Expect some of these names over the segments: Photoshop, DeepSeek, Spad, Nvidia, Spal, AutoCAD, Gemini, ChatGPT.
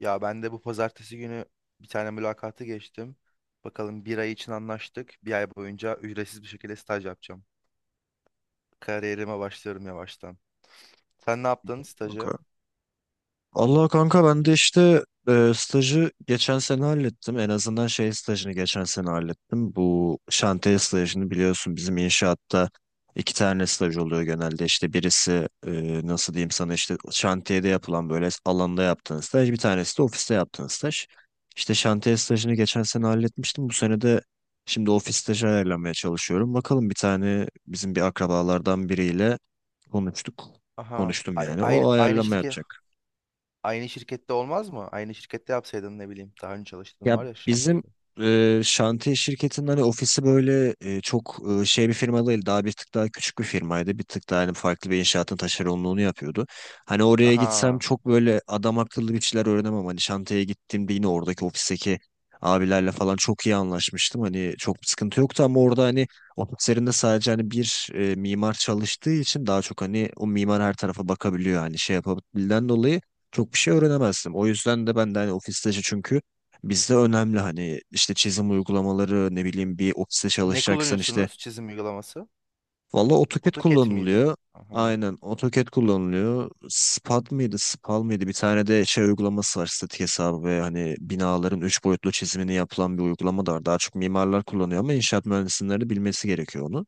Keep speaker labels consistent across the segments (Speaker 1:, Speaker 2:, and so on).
Speaker 1: Ya ben de bu pazartesi günü bir tane mülakatı geçtim. Bakalım bir ay için anlaştık. Bir ay boyunca ücretsiz bir şekilde staj yapacağım. Kariyerime başlıyorum yavaştan. Sen ne yaptın stajı?
Speaker 2: Kanka. Allah kanka ben de işte stajı geçen sene hallettim. En azından şey stajını geçen sene hallettim. Bu şantiye stajını biliyorsun bizim inşaatta iki tane staj oluyor genelde. İşte birisi nasıl diyeyim sana işte şantiyede yapılan böyle alanda yaptığın staj. Bir tanesi de ofiste yaptığın staj. İşte şantiye stajını geçen sene halletmiştim. Bu sene de şimdi ofis stajı ayarlamaya çalışıyorum. Bakalım bir tane bizim bir akrabalardan biriyle konuştuk.
Speaker 1: Aha,
Speaker 2: Konuştum yani. O ayarlama yapacak.
Speaker 1: aynı şirkette olmaz mı? Aynı şirkette yapsaydın ne bileyim. Daha önce çalıştığın
Speaker 2: Ya
Speaker 1: var ya
Speaker 2: bizim
Speaker 1: şantiyede.
Speaker 2: şantiye şirketinin hani ofisi böyle çok şey bir firma değil. Daha bir tık daha küçük bir firmaydı. Bir tık daha hani farklı bir inşaatın taşeronluğunu yapıyordu. Hani oraya gitsem
Speaker 1: Aha.
Speaker 2: çok böyle adam akıllı bir şeyler öğrenemem. Hani şantiyeye gittiğimde yine oradaki ofisteki abilerle falan çok iyi anlaşmıştım. Hani çok bir sıkıntı yoktu ama orada hani ofislerinde sadece hani bir mimar çalıştığı için daha çok hani o mimar her tarafa bakabiliyor. Hani şey yapabildiğinden dolayı çok bir şey öğrenemezdim. O yüzden de ben de hani ofiste çünkü bizde önemli hani işte çizim uygulamaları ne bileyim bir ofiste
Speaker 1: Ne
Speaker 2: çalışacaksan işte
Speaker 1: kullanıyorsunuz çizim uygulaması?
Speaker 2: valla AutoCAD
Speaker 1: AutoCAD miydi?
Speaker 2: kullanılıyor.
Speaker 1: Aha.
Speaker 2: Aynen AutoCAD kullanılıyor. Spad mıydı Spal mıydı bir tane de şey uygulaması var, statik hesabı ve hani binaların üç boyutlu çizimini yapılan bir uygulama da var. Daha çok mimarlar kullanıyor ama inşaat mühendisleri de bilmesi gerekiyor onu.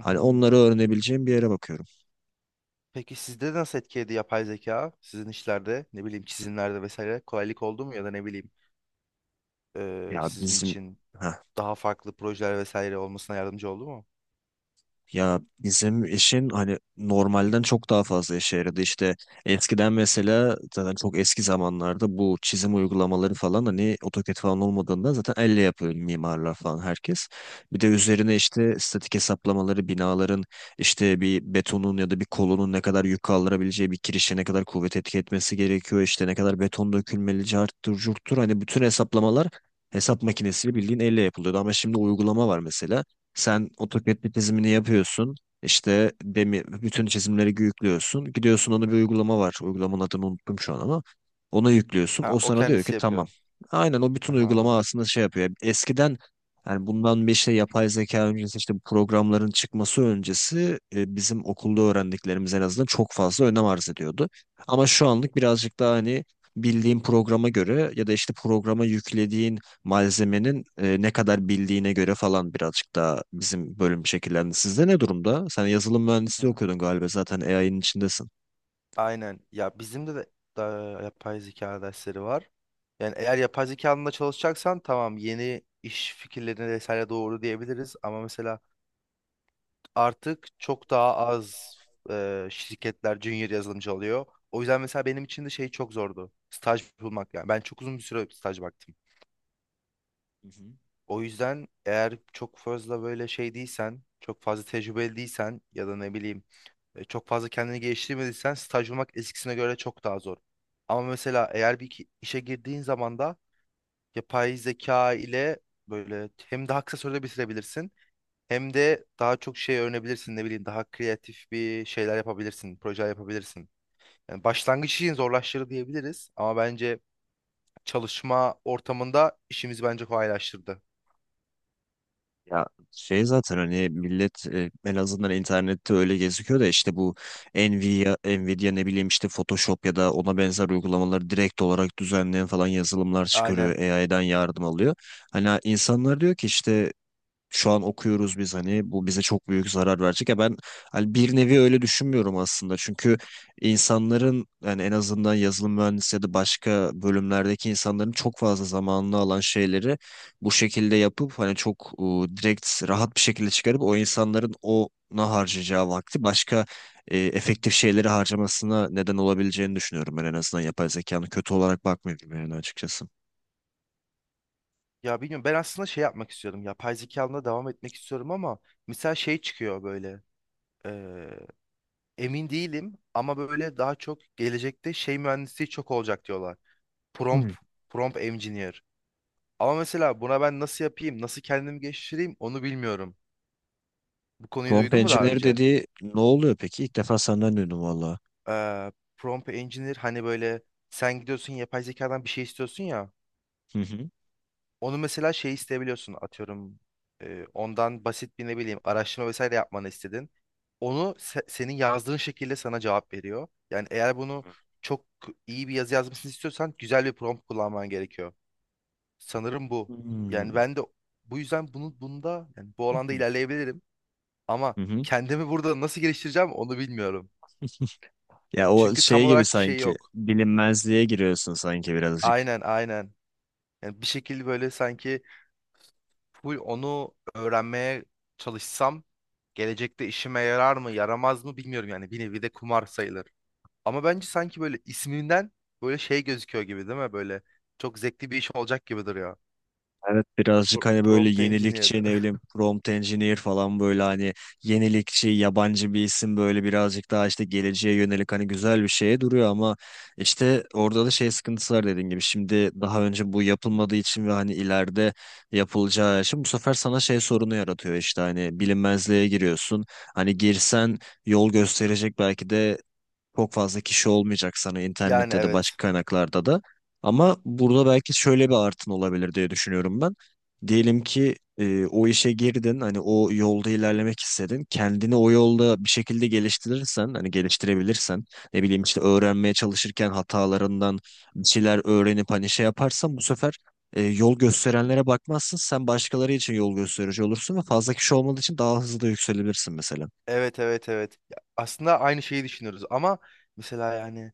Speaker 2: Hani onları öğrenebileceğim bir yere bakıyorum.
Speaker 1: Peki sizde nasıl etkiledi yapay zeka? Sizin işlerde ne bileyim çizimlerde vesaire kolaylık oldu mu ya da ne bileyim,
Speaker 2: Ya
Speaker 1: sizin
Speaker 2: bizim
Speaker 1: için
Speaker 2: Heh.
Speaker 1: daha farklı projeler vesaire olmasına yardımcı oldu mu?
Speaker 2: Ya bizim işin hani normalden çok daha fazla işe yaradı. İşte eskiden mesela zaten çok eski zamanlarda bu çizim uygulamaları falan hani AutoCAD falan olmadığında zaten elle yapıyor mimarlar falan herkes. Bir de üzerine işte statik hesaplamaları binaların, işte bir betonun ya da bir kolonun ne kadar yük kaldırabileceği, bir kirişe ne kadar kuvvet etki etmesi gerekiyor, işte ne kadar beton dökülmeli, carttır curttur, hani bütün hesaplamalar hesap makinesiyle bildiğin elle yapılıyordu ama şimdi uygulama var mesela. Sen AutoCAD'de çizimini yapıyorsun. İşte demi, bütün çizimleri yüklüyorsun. Gidiyorsun, ona bir uygulama var. Uygulamanın adını unuttum şu an ama. Ona yüklüyorsun.
Speaker 1: Ha,
Speaker 2: O
Speaker 1: o
Speaker 2: sana diyor ki
Speaker 1: kendisi
Speaker 2: tamam.
Speaker 1: yapıyor.
Speaker 2: Aynen, o bütün
Speaker 1: Aha.
Speaker 2: uygulama aslında şey yapıyor. Yani eskiden, yani bundan bir işte yapay zeka öncesi, işte bu programların çıkması öncesi bizim okulda öğrendiklerimiz en azından çok fazla önem arz ediyordu. Ama şu anlık birazcık daha hani bildiğin programa göre ya da işte programa yüklediğin malzemenin ne kadar bildiğine göre falan birazcık daha bizim bölüm şekillendi. Sizde ne durumda? Sen yazılım mühendisliği
Speaker 1: Ha.
Speaker 2: okuyordun galiba, zaten AI'nin içindesin.
Speaker 1: Aynen. Ya bizim de da yapay zeka dersleri var. Yani eğer yapay zeka alanında çalışacaksan tamam, yeni iş fikirlerine vesaire doğru diyebiliriz ama mesela artık çok daha az, şirketler junior yazılımcı alıyor. O yüzden mesela benim için de şey çok zordu. Staj bulmak yani. Ben çok uzun bir süre staj baktım.
Speaker 2: Hı hı.
Speaker 1: O yüzden eğer çok fazla böyle şey değilsen, çok fazla tecrübeli değilsen ya da ne bileyim, çok fazla kendini geliştirmediysen staj bulmak eskisine göre çok daha zor. Ama mesela eğer işe girdiğin zaman da yapay zeka ile böyle hem daha kısa sürede bitirebilirsin hem de daha çok şey öğrenebilirsin, ne bileyim daha kreatif bir şeyler yapabilirsin, projeler yapabilirsin. Yani başlangıç için zorlaştırdı diyebiliriz ama bence çalışma ortamında işimizi bence kolaylaştırdı.
Speaker 2: Ya şey, zaten hani millet en azından internette öyle gözüküyor da, işte bu Nvidia ne bileyim işte Photoshop ya da ona benzer uygulamaları direkt olarak düzenleyen falan yazılımlar
Speaker 1: Aynen.
Speaker 2: çıkarıyor. AI'dan yardım alıyor. Hani insanlar diyor ki işte şu an okuyoruz biz, hani bu bize çok büyük zarar verecek. Ya ben hani bir nevi öyle düşünmüyorum aslında. Çünkü insanların, yani en azından yazılım mühendisi ya da başka bölümlerdeki insanların çok fazla zamanını alan şeyleri bu şekilde yapıp hani çok direkt rahat bir şekilde çıkarıp, o insanların ona harcayacağı vakti başka efektif şeyleri harcamasına neden olabileceğini düşünüyorum. Ben en azından yapay zekanın kötü olarak bakmıyorum yani açıkçası.
Speaker 1: Ya bilmiyorum, ben aslında şey yapmak istiyorum. Yapay zeka alanına devam etmek istiyorum ama mesela şey çıkıyor böyle. eee, Emin değilim ama böyle daha çok gelecekte şey mühendisliği çok olacak diyorlar. Prompt,
Speaker 2: Hmm.
Speaker 1: prompt engineer. Ama mesela buna ben nasıl yapayım, nasıl kendimi geliştireyim onu bilmiyorum. Bu konuyu
Speaker 2: Prompt
Speaker 1: duydun mu daha
Speaker 2: engineer
Speaker 1: önce?
Speaker 2: dediği ne oluyor peki? İlk defa senden duydum.
Speaker 1: Prompt engineer, hani böyle sen gidiyorsun yapay zekadan bir şey istiyorsun ya.
Speaker 2: Hı hı.
Speaker 1: Onu mesela şey isteyebiliyorsun, atıyorum ondan basit bir ne bileyim araştırma vesaire yapmanı istedin. Onu senin yazdığın şekilde sana cevap veriyor. Yani eğer bunu çok iyi bir yazı yazmasını istiyorsan güzel bir prompt kullanman gerekiyor. Sanırım bu. Yani
Speaker 2: Hmm.
Speaker 1: ben de bu yüzden bunda, yani bu alanda ilerleyebilirim ama
Speaker 2: Hı hı.
Speaker 1: kendimi burada nasıl geliştireceğim onu bilmiyorum.
Speaker 2: Ya o
Speaker 1: Çünkü tam
Speaker 2: şey gibi,
Speaker 1: olarak şey
Speaker 2: sanki
Speaker 1: yok.
Speaker 2: bilinmezliğe giriyorsun sanki birazcık.
Speaker 1: Aynen, aynen. Yani bir şekilde böyle sanki full onu öğrenmeye çalışsam gelecekte işime yarar mı yaramaz mı bilmiyorum, yani bir nevi de kumar sayılır. Ama bence sanki böyle isminden böyle şey gözüküyor gibi, değil mi? Böyle çok zevkli bir iş olacak gibi duruyor.
Speaker 2: Evet, birazcık
Speaker 1: Pro-
Speaker 2: hani böyle
Speaker 1: Prompt Engineer.
Speaker 2: yenilikçi, ne bileyim prompt engineer falan, böyle hani yenilikçi yabancı bir isim, böyle birazcık daha işte geleceğe yönelik hani güzel bir şeye duruyor ama işte orada da şey sıkıntısı var dediğin gibi. Şimdi daha önce bu yapılmadığı için ve hani ileride yapılacağı için, bu sefer sana şey sorunu yaratıyor, işte hani bilinmezliğe giriyorsun. Hani girsen yol gösterecek belki de çok fazla kişi olmayacak sana,
Speaker 1: Yani,
Speaker 2: internette de başka
Speaker 1: evet.
Speaker 2: kaynaklarda da. Ama burada belki şöyle bir artın olabilir diye düşünüyorum ben. Diyelim ki o işe girdin, hani o yolda ilerlemek istedin. Kendini o yolda bir şekilde geliştirirsen, hani geliştirebilirsen, ne bileyim işte öğrenmeye çalışırken hatalarından bir şeyler öğrenip hani şey yaparsan, bu sefer yol gösterenlere bakmazsın. Sen başkaları için yol gösterici olursun ve fazla kişi olmadığı için daha hızlı da yükselirsin mesela.
Speaker 1: Evet, evet, evet. Ya, aslında aynı şeyi düşünüyoruz ama mesela yani,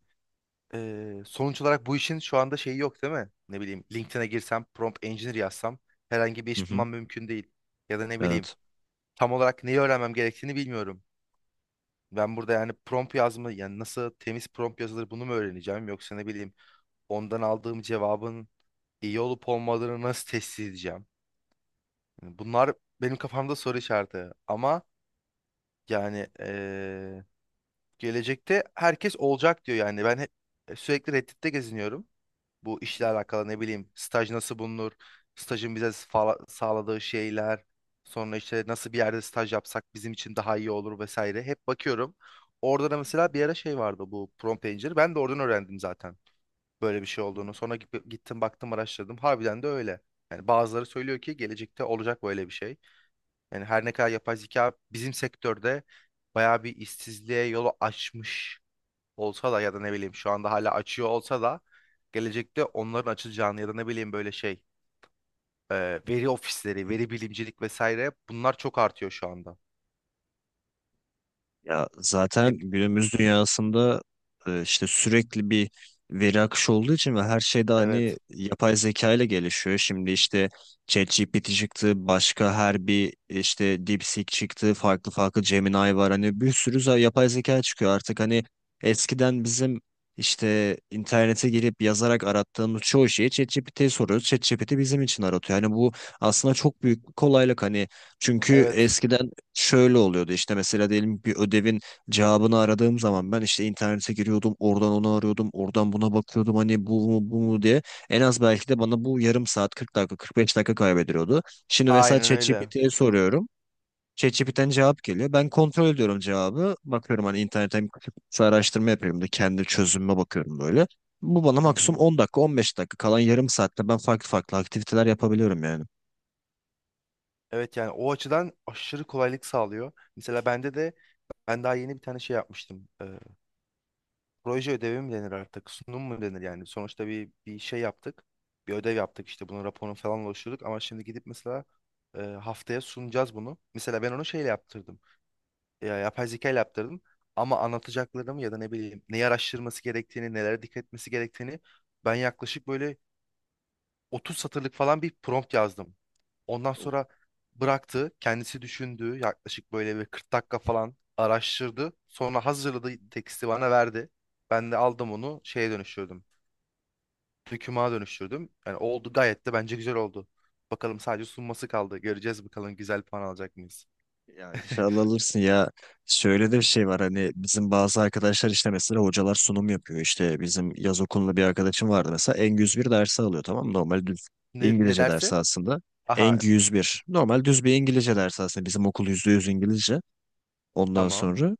Speaker 1: sonuç olarak bu işin şu anda şeyi yok, değil mi? Ne bileyim, LinkedIn'e girsem prompt engineer yazsam herhangi bir
Speaker 2: Hı
Speaker 1: iş
Speaker 2: hı.
Speaker 1: bulmam mümkün değil. Ya da ne bileyim
Speaker 2: Evet.
Speaker 1: tam olarak neyi öğrenmem gerektiğini bilmiyorum. Ben burada yani prompt yazma, yani nasıl temiz prompt yazılır bunu mu öğreneceğim yoksa ne bileyim ondan aldığım cevabın iyi olup olmadığını nasıl test edeceğim? Yani bunlar benim kafamda soru işareti ama yani, gelecekte herkes olacak diyor yani, ben hep sürekli Reddit'te geziniyorum. Bu işle alakalı ne bileyim staj nasıl bulunur? Stajın bize sağladığı şeyler. Sonra işte nasıl bir yerde staj yapsak bizim için daha iyi olur vesaire. Hep bakıyorum. Orada da mesela bir ara şey vardı, bu prompt engineer. Ben de oradan öğrendim zaten böyle bir şey olduğunu. Sonra gittim, baktım, araştırdım. Harbiden de öyle. Yani bazıları söylüyor ki gelecekte olacak böyle bir şey. Yani her ne kadar yapay zeka bizim sektörde bayağı bir işsizliğe yolu açmış olsa da ya da ne bileyim şu anda hala açıyor olsa da gelecekte onların açılacağını ya da ne bileyim böyle şey, e, veri ofisleri, veri bilimcilik vesaire bunlar çok artıyor şu anda.
Speaker 2: Ya zaten
Speaker 1: Hep
Speaker 2: günümüz dünyasında işte sürekli bir veri akışı olduğu için ve her şey de hani
Speaker 1: evet.
Speaker 2: yapay zeka ile gelişiyor. Şimdi işte ChatGPT çıktı, başka her bir işte DeepSeek çıktı, farklı farklı Gemini var. Hani bir sürü yapay zeka çıkıyor artık. Hani eskiden bizim işte internete girip yazarak arattığımız çoğu şeyi ChatGPT'ye soruyoruz. ChatGPT bizim için aratıyor. Hani bu aslında çok büyük bir kolaylık. Hani çünkü
Speaker 1: Evet.
Speaker 2: eskiden şöyle oluyordu: işte mesela diyelim bir ödevin cevabını aradığım zaman ben işte internete giriyordum, oradan onu arıyordum, oradan buna bakıyordum, hani bu mu bu mu diye en az belki de bana bu yarım saat 40 dakika 45 dakika kaybediliyordu. Şimdi mesela
Speaker 1: Aynen öyle.
Speaker 2: ChatGPT'ye soruyorum. ChatGPT'den cevap geliyor. Ben kontrol ediyorum cevabı. Bakıyorum hani internetten kısa araştırma yapıyorum da kendi çözümüme bakıyorum böyle. Bu bana
Speaker 1: Hı
Speaker 2: maksimum
Speaker 1: hı.
Speaker 2: 10 dakika 15 dakika, kalan yarım saatte ben farklı farklı aktiviteler yapabiliyorum yani.
Speaker 1: Evet, yani o açıdan aşırı kolaylık sağlıyor. Mesela bende de ben daha yeni bir tane şey yapmıştım. Proje ödevi mi denir artık? Sunum mu denir yani? Sonuçta bir şey yaptık. Bir ödev yaptık işte, bunun raporunu falan oluşturduk ama şimdi gidip mesela haftaya sunacağız bunu. Mesela ben onu şeyle yaptırdım. Ya, yapay zeka ile yaptırdım. Ama anlatacaklarımı ya da ne bileyim neyi araştırması gerektiğini, nelere dikkat etmesi gerektiğini ben yaklaşık böyle 30 satırlık falan bir prompt yazdım. Ondan sonra bıraktı, kendisi düşündü. Yaklaşık böyle bir 40 dakika falan araştırdı. Sonra hazırladı, teksti bana verdi. Ben de aldım onu şeye dönüştürdüm. Dokümana dönüştürdüm. Yani oldu, gayet de bence güzel oldu. Bakalım, sadece sunması kaldı. Göreceğiz bakalım güzel puan alacak mıyız?
Speaker 2: Ya inşallah alırsın ya. Şöyle de bir şey var hani, bizim bazı arkadaşlar işte, mesela hocalar sunum yapıyor. İşte bizim yaz okulunda bir arkadaşım vardı mesela, ENG 101 dersi alıyor, tamam mı? Normal düz
Speaker 1: Ne
Speaker 2: İngilizce dersi
Speaker 1: derse?
Speaker 2: aslında.
Speaker 1: Aha,
Speaker 2: Eng yüz
Speaker 1: t-
Speaker 2: bir normal düz bir İngilizce dersi aslında, bizim okul %100 İngilizce. Ondan
Speaker 1: tamam.
Speaker 2: sonra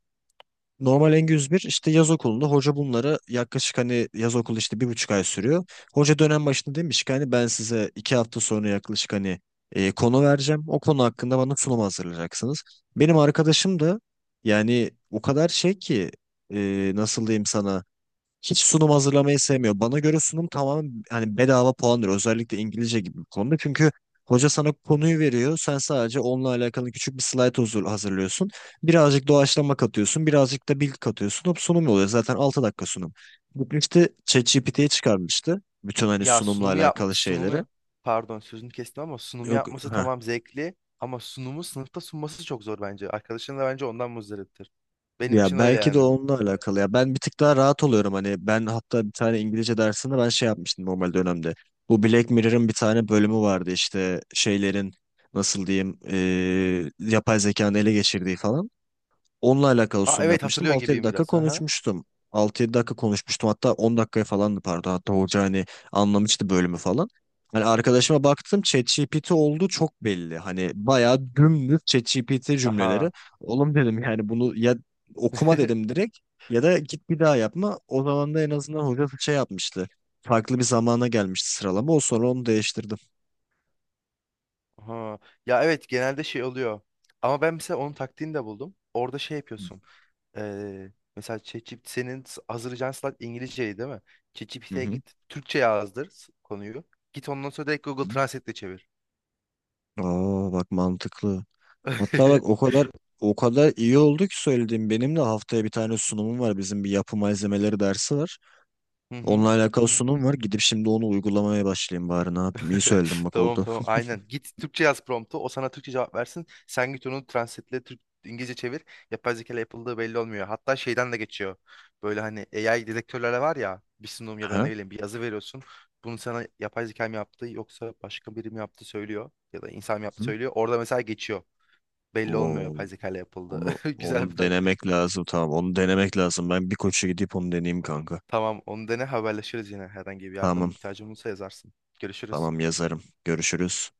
Speaker 2: normal n yüz bir, işte yaz okulunda hoca bunları yaklaşık hani, yaz okulu işte bir buçuk ay sürüyor. Hoca dönem başında demiş ki hani, ben size 2 hafta sonra yaklaşık hani konu vereceğim. O konu hakkında bana sunum hazırlayacaksınız. Benim arkadaşım da yani o kadar şey ki nasıl diyeyim sana, hiç sunum hazırlamayı sevmiyor. Bana göre sunum tamamen hani bedava puandır. Özellikle İngilizce gibi bir konuda. Çünkü hoca sana konuyu veriyor. Sen sadece onunla alakalı küçük bir slide huzur hazırlıyorsun. Birazcık doğaçlama katıyorsun. Birazcık da bilgi katıyorsun. Hop, sunum oluyor. Zaten 6 dakika sunum. Gitmişti ChatGPT'ye çıkarmıştı, bütün hani
Speaker 1: Ya,
Speaker 2: sunumla alakalı şeyleri.
Speaker 1: pardon, sözünü kestim ama sunumu
Speaker 2: Yok.
Speaker 1: yapması tamam zevkli ama sunumu sınıfta sunması çok zor bence. Arkadaşın da bence ondan muzdariptir. Benim
Speaker 2: Ya
Speaker 1: için öyle
Speaker 2: belki de
Speaker 1: yani.
Speaker 2: onunla alakalı ya. Ben bir tık daha rahat oluyorum hani, ben hatta bir tane İngilizce dersinde ben şey yapmıştım normal dönemde. Bu Black Mirror'ın bir tane bölümü vardı işte, şeylerin, nasıl diyeyim, yapay zekanın ele geçirdiği falan. Onunla alakalı
Speaker 1: Aa,
Speaker 2: sunum
Speaker 1: evet,
Speaker 2: yapmıştım.
Speaker 1: hatırlıyor
Speaker 2: Altı yedi
Speaker 1: gibiyim
Speaker 2: dakika
Speaker 1: biraz. Aha.
Speaker 2: konuşmuştum. Altı yedi dakika konuşmuştum. Hatta 10 dakikaya falandı, pardon. Hatta hoca hani anlamıştı bölümü falan. Hani arkadaşıma baktım, ChatGPT olduğu çok belli. Hani bayağı dümdüz ChatGPT cümleleri.
Speaker 1: Aha.
Speaker 2: Oğlum dedim, yani bunu ya okuma dedim direkt, ya da git bir daha yapma. O zaman da en azından hoca şey yapmıştı. Farklı bir zamana gelmişti sıralama. O, sonra onu değiştirdim.
Speaker 1: Aha. Ya evet, genelde şey oluyor. Ama ben mesela onun taktiğini de buldum. Orada şey yapıyorsun. Mesela ChatGPT senin hazırlayacağın slide İngilizceyi, değil mi?
Speaker 2: Hı
Speaker 1: ChatGPT'ye
Speaker 2: hı.
Speaker 1: git Türkçe yazdır, konuyu. Git ondan sonra direkt Google Translate'le çevir.
Speaker 2: Aa, bak mantıklı. Hatta bak, o kadar o kadar iyi oldu ki söylediğim, benim de haftaya bir tane sunumum var. Bizim bir yapı malzemeleri dersi var.
Speaker 1: Hı
Speaker 2: Onunla
Speaker 1: hı.
Speaker 2: alakalı sunum var. Gidip şimdi onu uygulamaya başlayayım bari, ne yapayım. İyi söyledim, bak
Speaker 1: Tamam,
Speaker 2: oldu.
Speaker 1: tamam, aynen. Git Türkçe yaz promptu. O sana Türkçe cevap versin. Sen git onu translate'le Türk İngilizce çevir. Yapay zeka ile yapıldığı belli olmuyor. Hatta şeyden de geçiyor. Böyle hani AI dedektörlere var ya, bir sunum ya da
Speaker 2: Aha.
Speaker 1: ne bileyim bir yazı veriyorsun. Bunu sana yapay zeka mı yaptı yoksa başka biri mi yaptı söylüyor. Ya da insan mı yaptı
Speaker 2: Hı.
Speaker 1: söylüyor. Orada mesela geçiyor. Belli olmuyor
Speaker 2: Oo,
Speaker 1: yapay zeka ile yapıldı.
Speaker 2: onu
Speaker 1: Güzel bir
Speaker 2: onu
Speaker 1: taktik.
Speaker 2: denemek lazım, tamam. Onu denemek lazım. Ben bir koça gidip onu deneyeyim kanka.
Speaker 1: Tamam, onu dene, haberleşiriz yine. Herhangi bir yardım
Speaker 2: Tamam,
Speaker 1: ihtiyacın olursa yazarsın. Görüşürüz.
Speaker 2: tamam yazarım. Görüşürüz.